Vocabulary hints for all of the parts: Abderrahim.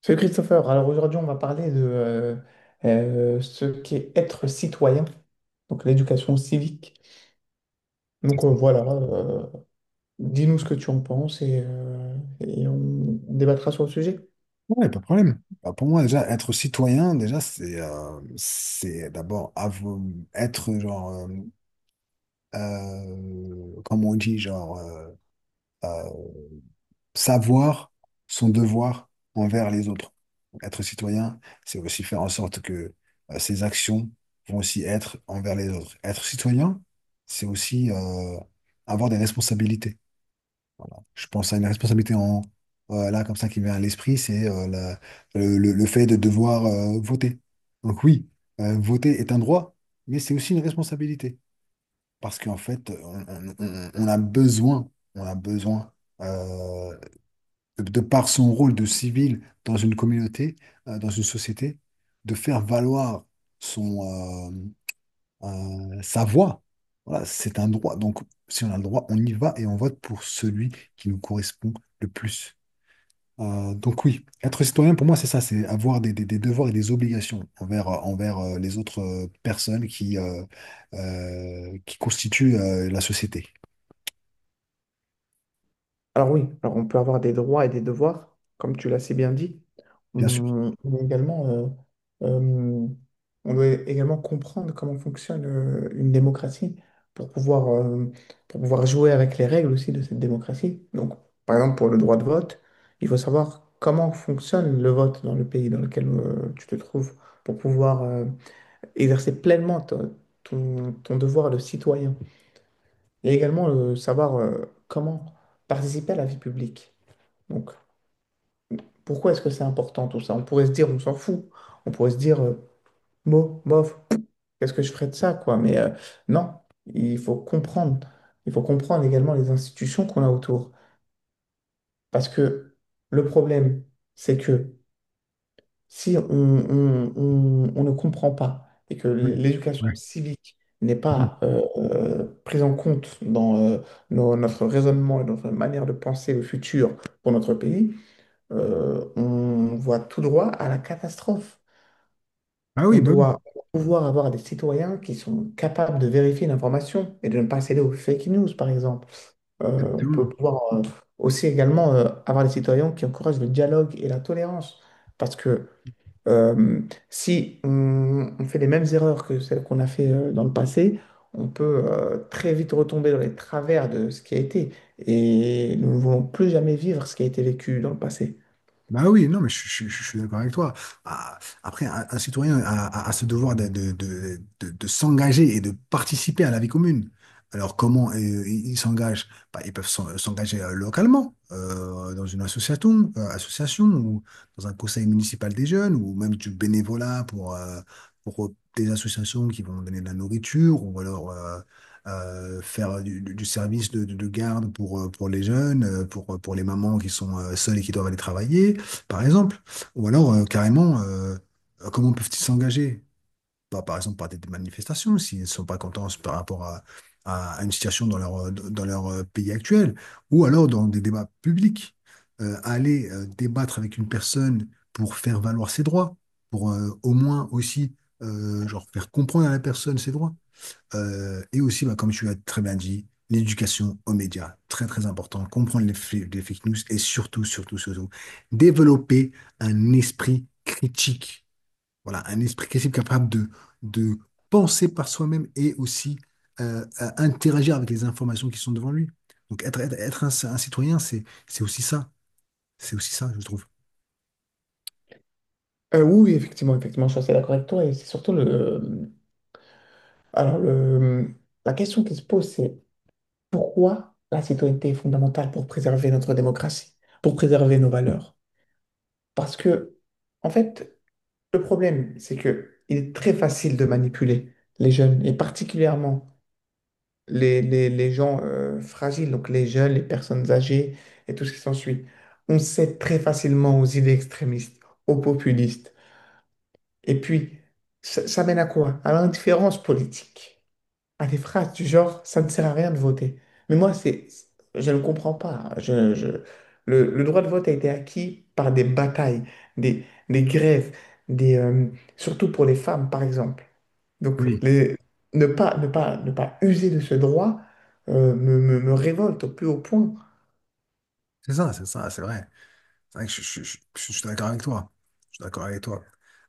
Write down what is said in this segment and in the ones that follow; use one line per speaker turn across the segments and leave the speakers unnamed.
Salut Christopher, alors aujourd'hui on va parler de ce qu'est être citoyen, donc l'éducation civique. Donc euh, voilà, euh, Dis-nous ce que tu en penses et on débattra sur le sujet.
Ouais, pas de problème. Bah, pour moi, déjà, être citoyen, déjà, c'est d'abord avo- être, genre, comme on dit, genre, euh, savoir son devoir envers les autres. Être citoyen, c'est aussi faire en sorte que ses actions vont aussi être envers les autres. Être citoyen, c'est aussi avoir des responsabilités. Voilà. Je pense à une responsabilité en là comme ça qui me vient à l'esprit, c'est le fait de devoir voter. Donc oui, voter est un droit, mais c'est aussi une responsabilité. Parce qu'en fait, on a besoin, on a besoin, euh, de par son rôle de civil dans une communauté, dans une société, de faire valoir son, euh, sa voix. Voilà, c'est un droit. Donc, si on a le droit, on y va et on vote pour celui qui nous correspond le plus. Donc oui, être citoyen pour moi, c'est ça, c'est avoir des devoirs et des obligations envers, envers les autres personnes qui constituent la société.
Alors oui, alors on peut avoir des droits et des devoirs, comme tu l'as si bien dit.
Bien sûr.
On est également, euh, on doit également comprendre comment fonctionne une démocratie pour pouvoir, euh, pour pouvoir jouer avec les règles aussi de cette démocratie. Donc, par exemple, pour le droit de vote, il faut savoir comment fonctionne le vote dans le pays dans lequel tu te trouves pour pouvoir exercer pleinement ton, ton devoir de citoyen. Et également savoir comment participer à la vie publique. Donc, pourquoi est-ce que c'est important tout ça? On pourrait se dire, on s'en fout. On pourrait se dire, bof, qu'est-ce que je ferais de ça, quoi? Non, il faut comprendre. Il faut comprendre également les institutions qu'on a autour. Parce que le problème, c'est que si on ne comprend pas et que
Oui.
l'éducation
Ouais.
civique n'est
Mhm.
pas prise en compte dans notre raisonnement et notre manière de penser le futur pour notre pays, on voit tout droit à la catastrophe.
Ah oui,
On
bah oui,
doit pouvoir avoir des citoyens qui sont capables de vérifier l'information et de ne pas céder aux fake news, par exemple. On peut
exactement.
pouvoir aussi également avoir des citoyens qui encouragent le dialogue et la tolérance. Parce que euh, si on, on fait les mêmes erreurs que celles qu'on a fait dans le passé, on peut très vite retomber dans les travers de ce qui a été. Et nous ne voulons plus jamais vivre ce qui a été vécu dans le passé.
Bah oui, non, mais je suis d'accord avec toi. Ah, après, un citoyen a ce devoir de s'engager et de participer à la vie commune. Alors, comment ils s'engagent? Bah, ils peuvent s'engager localement, dans une association, association ou dans un conseil municipal des jeunes, ou même du bénévolat pour des associations qui vont donner de la nourriture, ou alors faire du service de garde pour les jeunes, pour les mamans qui sont seules et qui doivent aller travailler par exemple. Ou alors, carrément, comment peuvent-ils s'engager? Bah, par exemple, par des manifestations, s'ils ne sont pas contents par rapport à, à une situation dans leur pays actuel, ou alors dans des débats publics. Aller débattre avec une personne pour faire valoir ses droits, pour au moins aussi genre, faire comprendre à la personne ses droits. Et aussi, bah, comme tu l'as très bien dit, l'éducation aux médias, très très important, comprendre les fake news et surtout, surtout, surtout, développer un esprit critique. Voilà, un esprit critique capable de penser par soi-même et aussi à interagir avec les informations qui sont devant lui. Donc être un citoyen, c'est aussi ça, c'est aussi ça, je trouve.
Oui, oui, effectivement, effectivement, je suis assez d'accord avec toi. Et c'est surtout le. Alors, le... la question qui se pose, c'est pourquoi la citoyenneté est fondamentale pour préserver notre démocratie, pour préserver nos valeurs? Parce que, en fait, le problème, c'est que il est très facile de manipuler les jeunes, et particulièrement les, les gens fragiles, donc les jeunes, les personnes âgées et tout ce qui s'ensuit. On cède très facilement aux idées extrémistes, aux populistes. Et puis, ça mène à quoi? À l'indifférence politique. À des phrases du genre, ça ne sert à rien de voter. Mais moi, c'est, je ne comprends pas, hein. Le droit de vote a été acquis par des batailles, des, des grèves, des, euh, surtout pour les femmes, par exemple. Donc,
Oui.
les- Ne pas, ne pas, ne pas user de ce droit me, me révolte au plus haut point.
C'est ça, c'est ça, c'est vrai. C'est vrai que je suis d'accord avec toi. Je suis d'accord avec toi.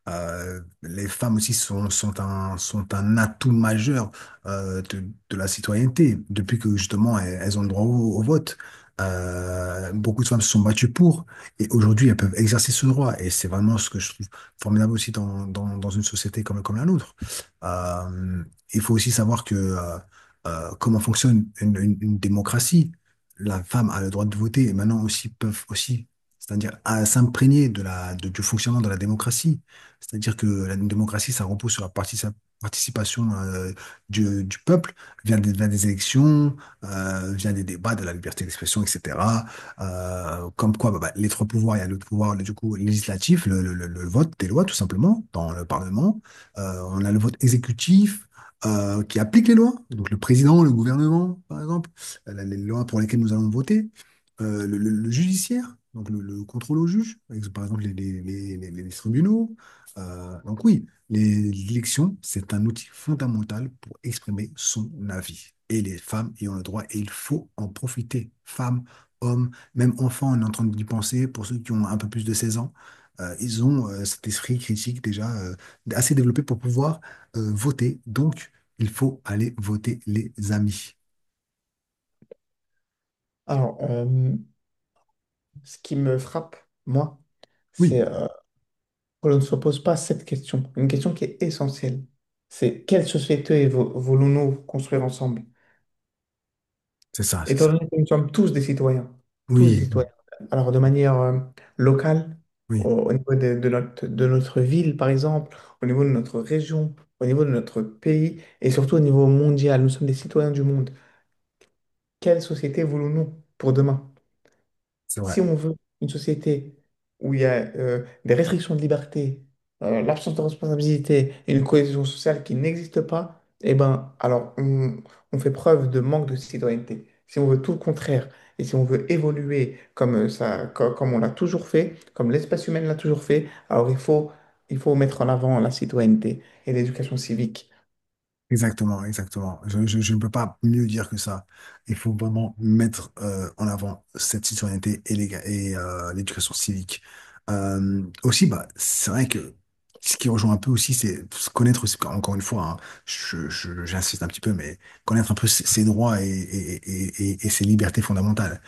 Les femmes aussi sont un atout majeur euh, de, de la citoyenneté, depuis que justement elles, elles ont le droit au vote. Beaucoup de femmes se sont battues pour, et aujourd'hui elles peuvent exercer ce droit. Et c'est vraiment ce que je trouve formidable aussi dans une société comme, comme la nôtre. Euh, il faut aussi savoir que comment fonctionne une une démocratie. La femme a le droit de voter et maintenant aussi peuvent aussi c'est-à-dire à s'imprégner de la, du fonctionnement de la démocratie. C'est-à-dire que la démocratie, ça repose sur la participation du peuple via des élections, via des débats, de la liberté d'expression, etc. Comme quoi, bah, bah, les trois pouvoirs, il y a le pouvoir du coup législatif, le vote des lois tout simplement dans le Parlement. On a le vote exécutif, qui applique les lois, donc le président, le gouvernement, par exemple, les lois pour lesquelles nous allons voter, le judiciaire, donc le contrôle au juge, avec, par exemple les tribunaux. Donc oui, l'élection, c'est un outil fondamental pour exprimer son avis. Et les femmes y ont le droit et il faut en profiter. Femmes, hommes, même enfants, on est en train d'y penser, pour ceux qui ont un peu plus de 16 ans, ils ont cet esprit critique déjà assez développé pour pouvoir voter. Donc, il faut aller voter les amis.
Alors, ce qui me frappe, moi, c'est
Oui,
que l'on ne se pose pas cette question, une question qui est essentielle. C'est quelle société voulons-nous construire ensemble?
c'est ça, c'est
Étant
ça.
donné que nous sommes tous des
Oui,
citoyens, alors de manière locale, au,
oui,
au niveau de notre ville par exemple, au niveau de notre région, au niveau de notre pays et surtout au niveau mondial, nous sommes des citoyens du monde. Quelle société voulons-nous pour demain?
c'est vrai.
Si on veut une société où il y a des restrictions de liberté, l'absence de responsabilité et une cohésion sociale qui n'existe pas, eh ben, alors on fait preuve de manque de citoyenneté. Si on veut tout le contraire et si on veut évoluer comme comme on l'a toujours fait, comme l'espèce humaine l'a toujours fait, alors il faut mettre en avant la citoyenneté et l'éducation civique.
Exactement, exactement. Je ne peux pas mieux dire que ça. Il faut vraiment mettre en avant cette citoyenneté et l'éducation civique. Aussi, bah, c'est vrai que ce qui rejoint un peu aussi, c'est se connaître, aussi, encore une fois, hein, j'insiste un petit peu, mais connaître un peu ses droits et ses libertés fondamentales,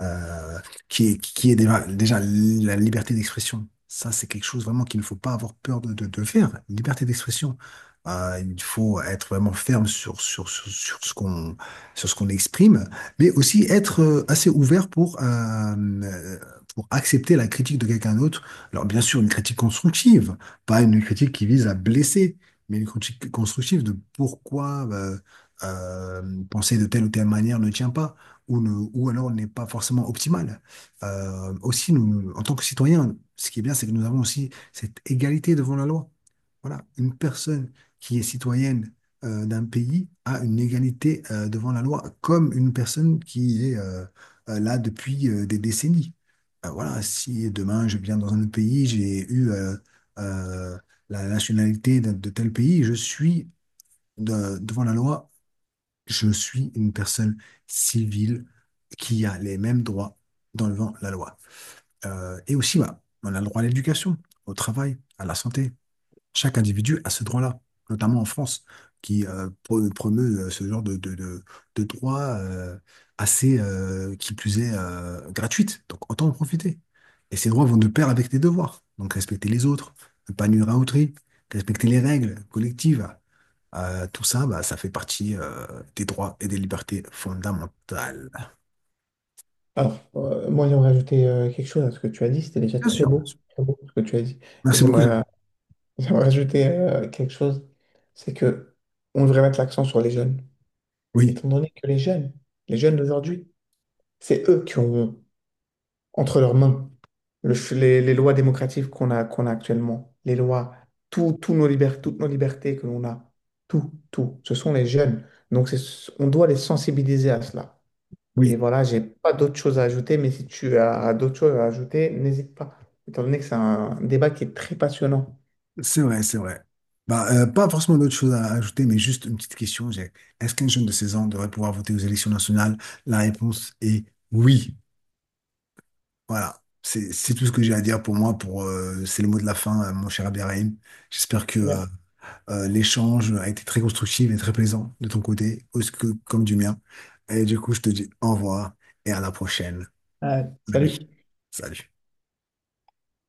euh, qui est déjà, déjà la liberté d'expression. Ça, c'est quelque chose vraiment qu'il ne faut pas avoir peur de faire. Liberté d'expression, il faut être vraiment ferme sur ce sur ce qu'on exprime, mais aussi être assez ouvert pour accepter la critique de quelqu'un d'autre. Alors, bien sûr, une critique constructive, pas une critique qui vise à blesser, mais une critique constructive de pourquoi penser de telle ou telle manière ne tient pas, ou, ne, ou alors n'est pas forcément optimale. Aussi, nous, en tant que citoyens, ce qui est bien, c'est que nous avons aussi cette égalité devant la loi. Voilà, une personne qui est citoyenne d'un pays a une égalité devant la loi, comme une personne qui est là depuis des décennies. Voilà, si demain je viens dans un autre pays, j'ai eu euh, la nationalité de tel pays, je suis devant la loi, je suis une personne civile qui a les mêmes droits devant la loi. Et aussi, bah, on a le droit à l'éducation, au travail, à la santé. Chaque individu a ce droit-là, notamment en France, qui promeut ce genre de droit assez, qui plus est, gratuite. Donc autant en profiter. Et ces droits vont de pair avec tes devoirs. Donc respecter les autres, ne pas nuire à autrui, respecter les règles collectives. Tout ça, bah, ça fait partie des droits et des libertés fondamentales.
Alors, moi, j'aimerais ajouter quelque chose à ce que tu as dit. C'était déjà
Bien sûr, bien sûr.
très beau ce que tu as dit. Et
Merci beaucoup.
j'aimerais
Sam.
j'aimerais ajouter quelque chose, c'est que on devrait mettre l'accent sur les jeunes,
Oui,
étant donné que les jeunes d'aujourd'hui, c'est eux qui ont entre leurs mains les lois démocratiques qu'on a, qu'on a actuellement, les lois, tout, tout nos toutes nos libertés que l'on a, tout, tout, ce sont les jeunes. Donc on doit les sensibiliser à cela. Et
oui.
voilà, j'ai pas d'autres choses à ajouter, mais si tu as d'autres choses à ajouter, n'hésite pas, étant donné que c'est un débat qui est très passionnant.
C'est vrai, c'est vrai. Bah, pas forcément d'autres choses à ajouter, mais juste une petite question. Est-ce qu'un jeune de 16 ans devrait pouvoir voter aux élections nationales? La réponse est oui. Voilà. C'est tout ce que j'ai à dire pour moi. Pour, c'est le mot de la fin, mon cher Abderrahim. J'espère que
Très bien.
l'échange a été très constructif et très plaisant de ton côté, aussi que, comme du mien. Et du coup, je te dis au revoir et à la prochaine, mon ami.
Salut.
Salut.